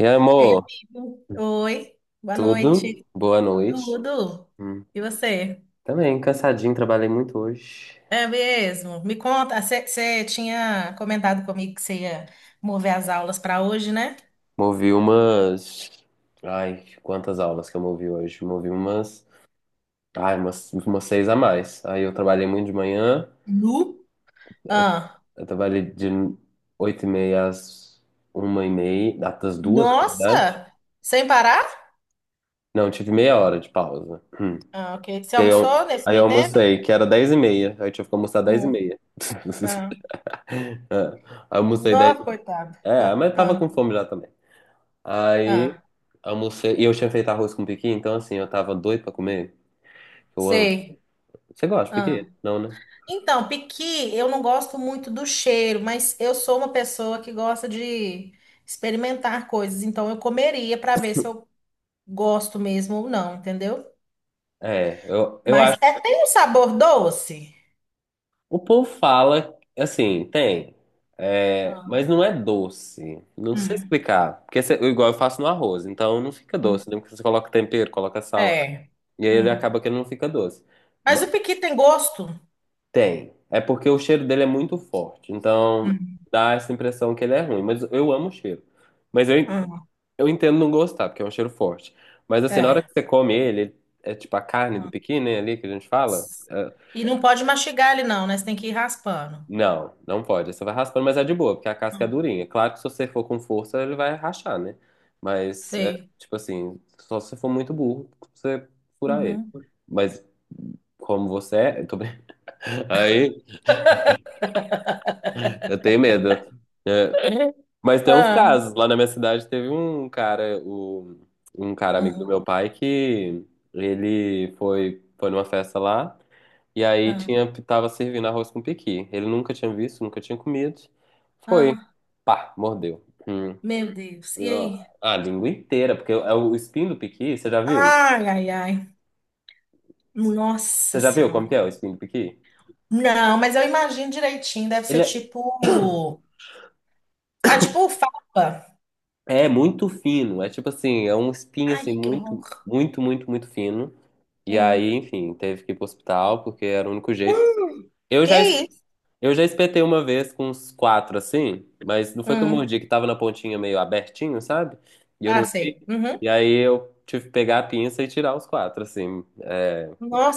E Ei, amor, amigo. Oi, boa tudo? noite. Boa noite. Tudo? Hum, E você? Também, cansadinho, trabalhei muito hoje. É mesmo? Me conta, você tinha comentado comigo que você ia mover as aulas para hoje, né? Movi umas. Ai, quantas aulas que eu movi hoje? Movi umas. Ai, umas seis a mais. Aí eu trabalhei muito de manhã, Nu? Ah, eu trabalhei de 8:30 às 1:30, às duas, na verdade. nossa! Sem parar? Não, tive meia hora de pausa. Hum. Ah, ok. Você Que aí almoçou eu, nesse aí eu meio tempo? almocei, que era 10:30. Aí eu tive que almoçar dez e Hum, meia. ah. É, almocei 10. Nossa, coitado. É, Ah, mas tava ah, com fome já também. Aí ah. almocei. E eu tinha feito arroz com piqui, então assim, eu tava doido pra comer. Eu amo. Sei. Você gosta de piqui? Não, né? Então, piqui, eu não gosto muito do cheiro, mas eu sou uma pessoa que gosta de experimentar coisas, então eu comeria para ver se eu gosto mesmo ou não, entendeu? É, eu Mas acho. é, tem um sabor doce? O povo fala, assim, tem. É, Ah. mas não é doce. Não sei Hum. explicar. Porque igual eu faço no arroz, então não fica doce, né? Porque você coloca tempero, coloca sal. É. E aí ele Hum. acaba que ele não fica doce. Mas Ma- o piqui tem gosto? Tem. É porque o cheiro dele é muito forte. Então Hum. dá essa impressão que ele é ruim. Mas eu amo o cheiro. Mas eu, Hum. Eu entendo não gostar, porque é um cheiro forte. Mas assim, na hora É. que você come ele. É tipo a carne do Hum. pequi, né, ali que a gente fala. É, E não pode mastigar ele não, né? Você tem que ir raspando. não, não pode. Você vai raspando, mas é de boa, porque a casca é Hum. durinha. Claro que se você for com força, ele vai rachar, né? Mas é Sei. tipo assim, só se você for muito burro, você furar ele. Uhum. Mas como você é. Aí eu tenho medo. É, mas tem uns Ah, casos. Lá na minha cidade teve um cara, um cara amigo do ah, meu pai, que ele foi numa festa lá e aí ah, tava servindo arroz com pequi. Ele nunca tinha visto, nunca tinha comido. Foi. ah. Pá, mordeu. Hum. Meu Deus. E Ó, aí? a língua inteira, porque é o espinho do piqui, você já viu? Ai, ai, ai. Nossa Você já viu como Senhora. que é o espinho do piqui? Não, mas eu imagino direitinho. Deve ser Ele é, tipo. Ah, tipo fava. é muito fino, é tipo assim, é um espinho assim Ai, que muito, horror. muito, muito, muito fino. E Hum. aí, enfim, teve que ir pro hospital, porque era o único jeito. Hum, Eu já, es- que isso? eu já espetei uma vez com uns quatro, assim, mas não foi que eu Hum. mordi, que tava na pontinha meio abertinho, sabe? E eu Ah, não vi. sei. Uhum. E aí eu tive que pegar a pinça e tirar os quatro, assim.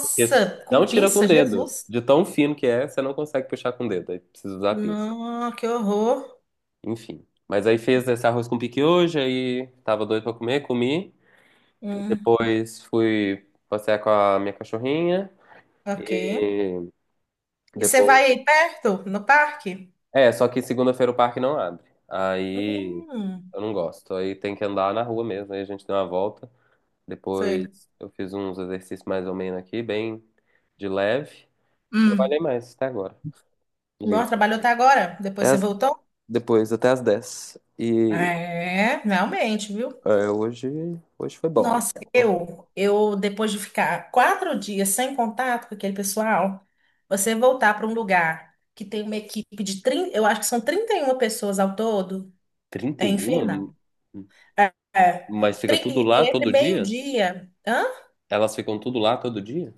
Porque com não tira com o pinça, dedo. Jesus. De tão fino que é, você não consegue puxar com o dedo. Aí precisa usar a pinça. Não, que horror. Enfim. Mas aí fez esse arroz com piquiojo, aí tava doido pra comer, comi. Hum, Depois fui passear com a minha cachorrinha. ok. E você Depois vai aí perto, no parque? É, só que segunda-feira o parque não abre. Aí Hum, eu não gosto. Aí tem que andar na rua mesmo. Aí a gente deu uma volta. sei. Depois eu fiz uns exercícios mais ou menos aqui, bem de leve. E Hum. trabalhei mais até agora. E Nossa, trabalhou até agora? Depois até você as- voltou? Depois, até as 10. E É, realmente, viu? é, hoje foi bom. Nossa, eu depois de ficar quatro dias sem contato com aquele pessoal, você voltar para um lugar que tem uma equipe de 30 eu acho que são 31 pessoas ao todo, é infernal. 31? É, é. Mas fica tudo Tri- e lá e entre todo dia? meio-dia, hã? Elas ficam tudo lá todo dia?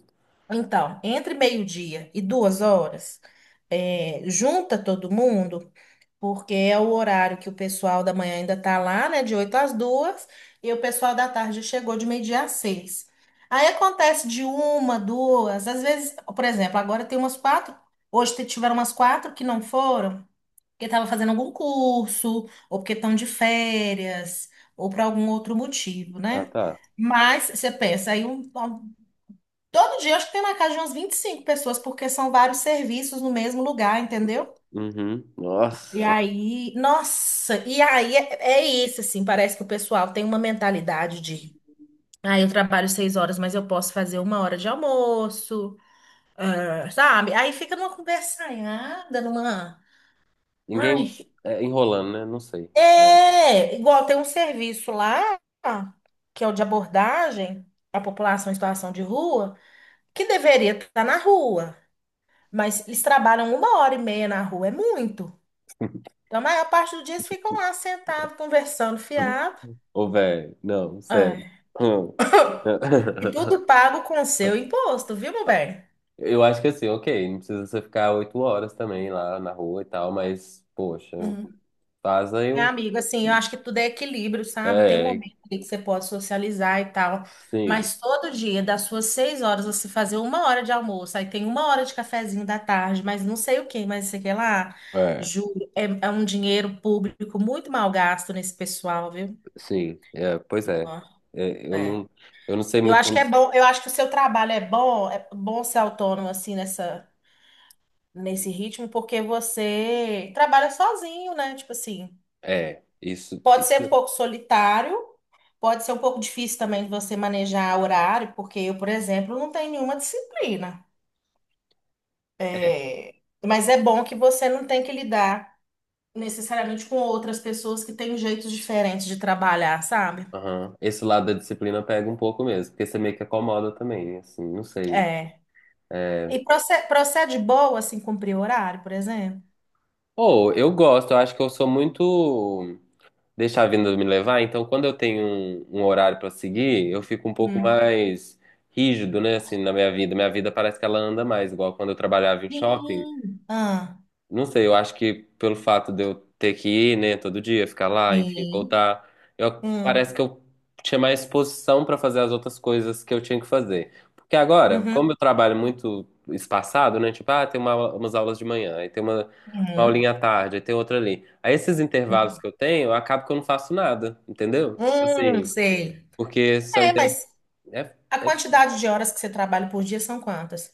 Então, entre meio-dia e duas horas, é, junta todo mundo. Porque é o horário que o pessoal da manhã ainda tá lá, né? De 8 às 2 e o pessoal da tarde chegou de meio-dia às 6. Aí acontece de uma, duas, às vezes, por exemplo, agora tem umas quatro, tiveram umas quatro que não foram, porque estavam fazendo algum curso, ou porque estão de férias, ou por algum outro motivo, Ah, né? tá. Mas você pensa, todo dia eu acho que tem na casa de umas 25 pessoas, porque são vários serviços no mesmo lugar, entendeu? Uhum. E Nossa. aí, nossa, e aí é, é isso, assim, parece que o pessoal tem uma mentalidade de, ah, eu trabalho seis horas, mas eu posso fazer uma hora de almoço, ah, sabe? Aí fica numa conversanhada, numa, Ninguém ai, É, enrolando, né? Não sei. é, igual tem um serviço lá, que é o de abordagem à população em situação de rua, que deveria estar na rua, mas eles trabalham uma hora e meia na rua, é muito. Então, a maior parte do dia eles ficam lá sentados, conversando, fiado. Ô, velho, não, sério. Ai. Hum. E tudo pago com o seu imposto, viu, meu bem? Eu acho que assim, ok, não precisa você ficar 8 horas também lá na rua e tal, mas, poxa, Uhum. faz aí É, um. amigo, assim, eu acho que tudo é equilíbrio, sabe? Tem um É, momento ali que você pode socializar e tal, sim. mas todo dia, das suas seis horas, você fazer uma hora de almoço, aí tem uma hora de cafezinho da tarde, mas não sei o que, mas sei que lá, É, juro, é um dinheiro público muito mal gasto nesse pessoal, viu? sim. É, pois é. Ó, É, eu é. não, eu não sei Eu muito acho que é como. bom, eu acho que o seu trabalho é bom ser autônomo, assim, nessa. Nesse ritmo, porque você trabalha sozinho, né? Tipo assim, É, isso. pode ser um isso- pouco solitário, pode ser um pouco difícil também de você manejar horário, porque eu, por exemplo, não tenho nenhuma disciplina. É. Mas é bom que você não tem que lidar necessariamente com outras pessoas que têm jeitos diferentes de trabalhar, sabe? Aham. Esse lado da disciplina pega um pouco mesmo, porque você meio que acomoda também, assim, não sei. É. É. E procede boa, assim, cumprir horário, por exemplo? Ou eu gosto, eu acho que eu sou muito. Deixar a vida me levar. Então, quando eu tenho um horário para seguir, eu fico um pouco Hum. mais rígido, né, assim, na minha vida. Minha vida parece que ela anda mais, igual quando eu trabalhava em shopping. Sim. Ah, Não sei, eu acho que pelo fato de eu ter que ir, né, todo dia, ficar lá, enfim, sim. voltar, parece Hum. que eu tinha mais disposição para fazer as outras coisas que eu tinha que fazer. Porque agora, Uhum. como eu trabalho muito espaçado, né, tipo, ah, tem umas aulas de manhã, aí tem uma Uhum. aulinha à tarde, aí tem outra ali. Aí esses intervalos Uhum. que eu tenho, eu acabo que eu não faço nada, entendeu? Tipo assim. Sei. porque são É, inter... mas é, a é difícil. quantidade de horas que você trabalha por dia são quantas?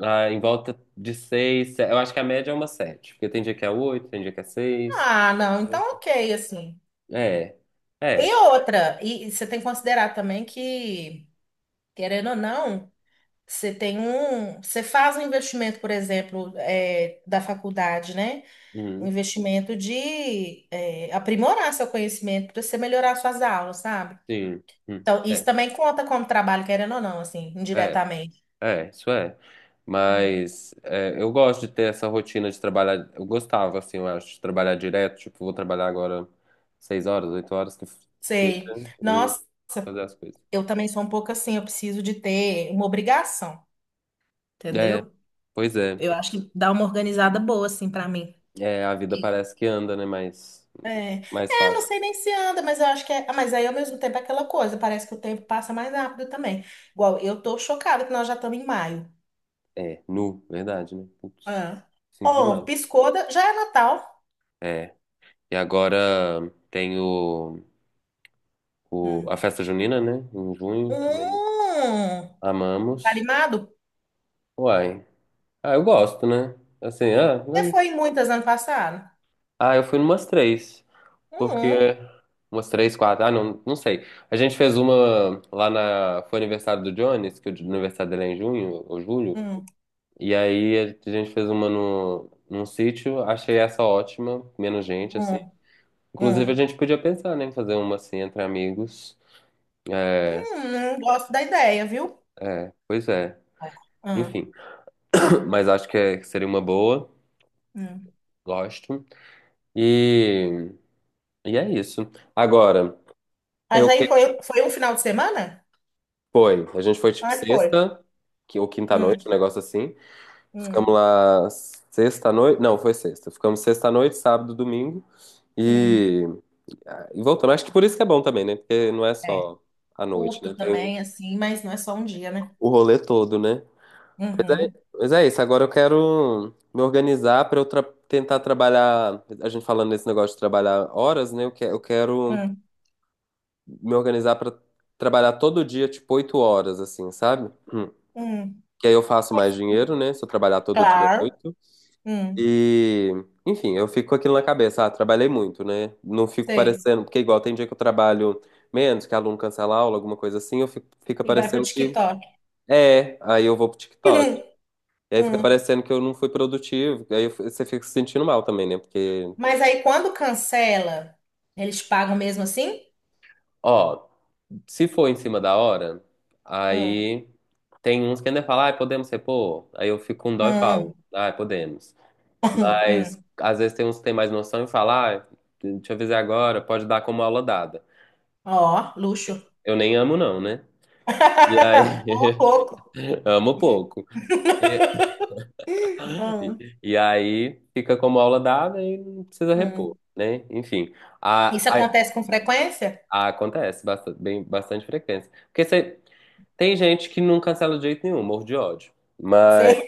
Em volta de seis, eu acho que a média é uma sete, porque tem dia que é oito, tem dia que é seis. Ah, não, então ok, assim. É, E é, outra, e você tem que considerar também que, querendo ou não, você tem um. Você faz um investimento, por exemplo, é, da faculdade, né? Um uhum, investimento de é, aprimorar seu conhecimento para você melhorar suas aulas, sabe? sim, Então, isso é, também conta como trabalho, querendo ou não, assim, é, indiretamente. é, isso é. Hum. Mas é, eu gosto de ter essa rotina de trabalhar. Eu gostava, assim, eu acho, de trabalhar direto. Tipo, vou trabalhar agora 6 horas, 8 horas, que seja, Sei. e Nossa. fazer as coisas. Eu também sou um pouco assim, eu preciso de ter uma obrigação, É, entendeu? pois é. Eu acho que dá uma organizada boa, assim, pra mim. É, a vida Que- parece que anda, né? Mais, é, é, mais não fácil. sei nem se anda, mas eu acho que é. Ah, mas aí ao mesmo tempo é aquela coisa, parece que o tempo passa mais rápido também. Igual, eu tô chocada que nós já estamos em maio. É, nu, verdade, né? Putz, Ah. cinco de Oh, maio. piscou, já é Natal. É, e agora tem Hum. a festa junina, né? Em junho também. Hum. Tá Amamos. animado? Uai. Ah, eu gosto, né? Assim, Você foi em muitas ano passado? ah, eu fui numas três. Hum, Porque. Umas três, quatro. Ah, não, não sei. A gente fez uma lá na. Foi aniversário do Jones, que o aniversário dele é em junho ou julho. hum, E aí a gente fez uma no, num sítio. Achei essa ótima. Menos gente, assim. hum, Inclusive, a hum. gente podia pensar, né, em fazer uma assim entre amigos. É, Gosto da ideia, viu? é, pois é. Hum, Enfim. Mas acho que que seria uma boa. hum. Gosto. E. E é isso. Agora, Mas eu que aí foi, foi um final de semana? foi? A gente foi tipo Ah, foi. sexta, que ou quinta Hum, noite, um negócio assim. hum, Ficamos lá sexta noite, não, foi sexta. Ficamos sexta noite, sábado, domingo hum. e e voltamos. Acho que por isso que é bom também, né? Porque não é É, só a noite, né? curto Tem também, assim, mas não é só um dia, né? o rolê todo, né? Mas é, Uhum, mas é isso. Agora eu quero me organizar pra eu tentar trabalhar. A gente falando nesse negócio de trabalhar horas, né? Eu quero hum, me organizar pra trabalhar todo dia, tipo, 8 horas, assim, sabe? Hum. hum, Que aí eu faço mais hum. dinheiro, né? Se eu trabalhar todo dia Claro, oito. hum, E, enfim, eu fico com aquilo na cabeça. Ah, trabalhei muito, né? Não fico sei. parecendo, porque igual tem dia que eu trabalho menos, que aluno cancela a aula, alguma coisa assim, fica E vai pro parecendo que TikTok. é, aí eu vou pro TikTok. E aí Hum, fica hum. parecendo que eu não fui produtivo. Você fica se sentindo mal também, né? Porque, Mas aí quando cancela, eles pagam mesmo assim? ó, se for em cima da hora, Hum, aí tem uns que ainda falam, ah, podemos repor? Aí eu fico com dó e hum, falo, ah, podemos. Mas hum. às vezes tem uns que têm mais noção e falam, ah, deixa eu avisar agora, pode dar como aula dada. Ó, luxo. Eu nem amo, não, né? E aí, Ó, pouco. amo pouco. Hum, E aí fica como aula dada e não precisa repor, hum. né? Enfim, Isso a, a- acontece com frequência? Acontece bastante, bem, bastante frequência. Porque você, tem gente que não cancela de jeito nenhum, morro de ódio. Mas Sei.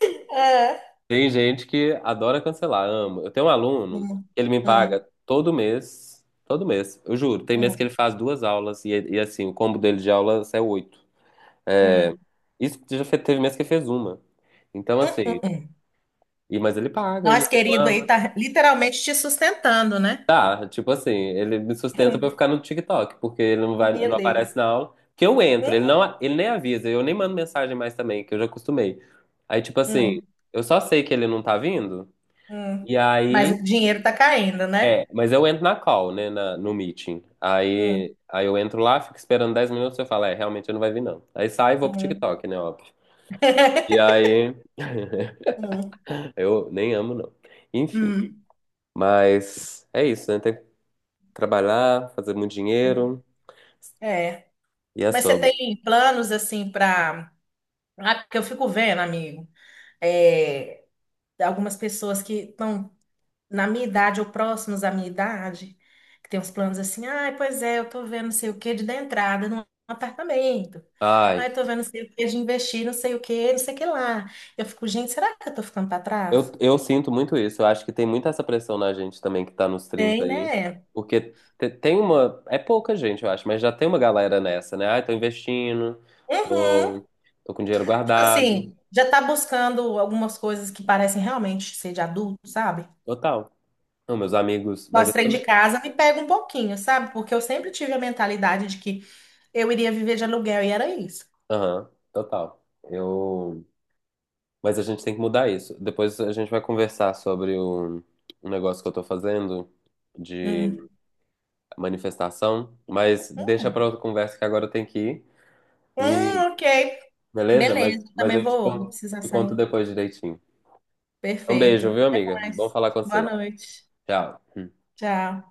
tem gente que adora cancelar, amo. Eu tenho um aluno, Hum, ele me paga hum, todo mês, eu juro. Tem mês que hum, ele faz duas aulas e assim, o combo dele de aulas é oito. hum, hum, Isso que já teve mês que ele fez uma. Então, assim, hum. Mas ele paga e não Nós, querido, aí reclama. tá literalmente te sustentando, né? Tá, tipo assim, ele me sustenta pra eu Hum, ficar no TikTok, porque ele não vai, Meu não Deus. aparece na aula. Que eu entro, Hum, ele nem avisa, eu nem mando mensagem mais também, que eu já acostumei. Aí, tipo assim, hum, eu só sei que ele não tá vindo, hum. e Mas o aí. dinheiro tá caindo, né? É, mas eu entro na call, né, no meeting. Hum, Aí, eu entro lá, fico esperando 10 minutos, eu falo, é, realmente ele não vai vir não. Aí sai e vou pro hum, TikTok, né, óbvio. E aí, hum, eu nem amo não. Enfim, hum, mas é isso, né, tem que trabalhar, fazer muito hum. dinheiro É. e é Mas você sobre. tem planos assim para. Ah, porque eu fico vendo, amigo, é, algumas pessoas que estão na minha idade ou próximos à minha idade, que tem uns planos assim, ai, pois é, eu tô vendo não sei o que de dar entrada num apartamento. Ai, Ai, tô vendo não sei o que de investir, não sei o que, não sei o que lá. Eu fico, gente, será que eu tô ficando para Eu, trás? eu sinto muito isso. Eu acho que tem muita essa pressão na gente também que tá nos 30 Tem, aí. né? Porque tem uma. É pouca gente, eu acho, mas já tem uma galera nessa, né? Ai, tô investindo, Uhum. tô, tô com dinheiro Tipo guardado. assim, já tá buscando algumas coisas que parecem realmente ser de adulto, sabe? Total. Não, meus amigos. Mas Nós eu trem de também. casa me pega um pouquinho, sabe? Porque eu sempre tive a mentalidade de que eu iria viver de aluguel e era isso. Aham, total. Eu. Mas a gente tem que mudar isso. Depois a gente vai conversar sobre o negócio que eu tô fazendo de Hum. manifestação. Mas deixa pra Hum. outra conversa que agora eu tenho que ir. Ok. Beleza? Mas, Beleza, mas também eu vou precisar te conto sair. depois direitinho. Um Perfeito. beijo, viu, amiga? Bom Mas, falar com boa você. noite. Tchau. Tchau.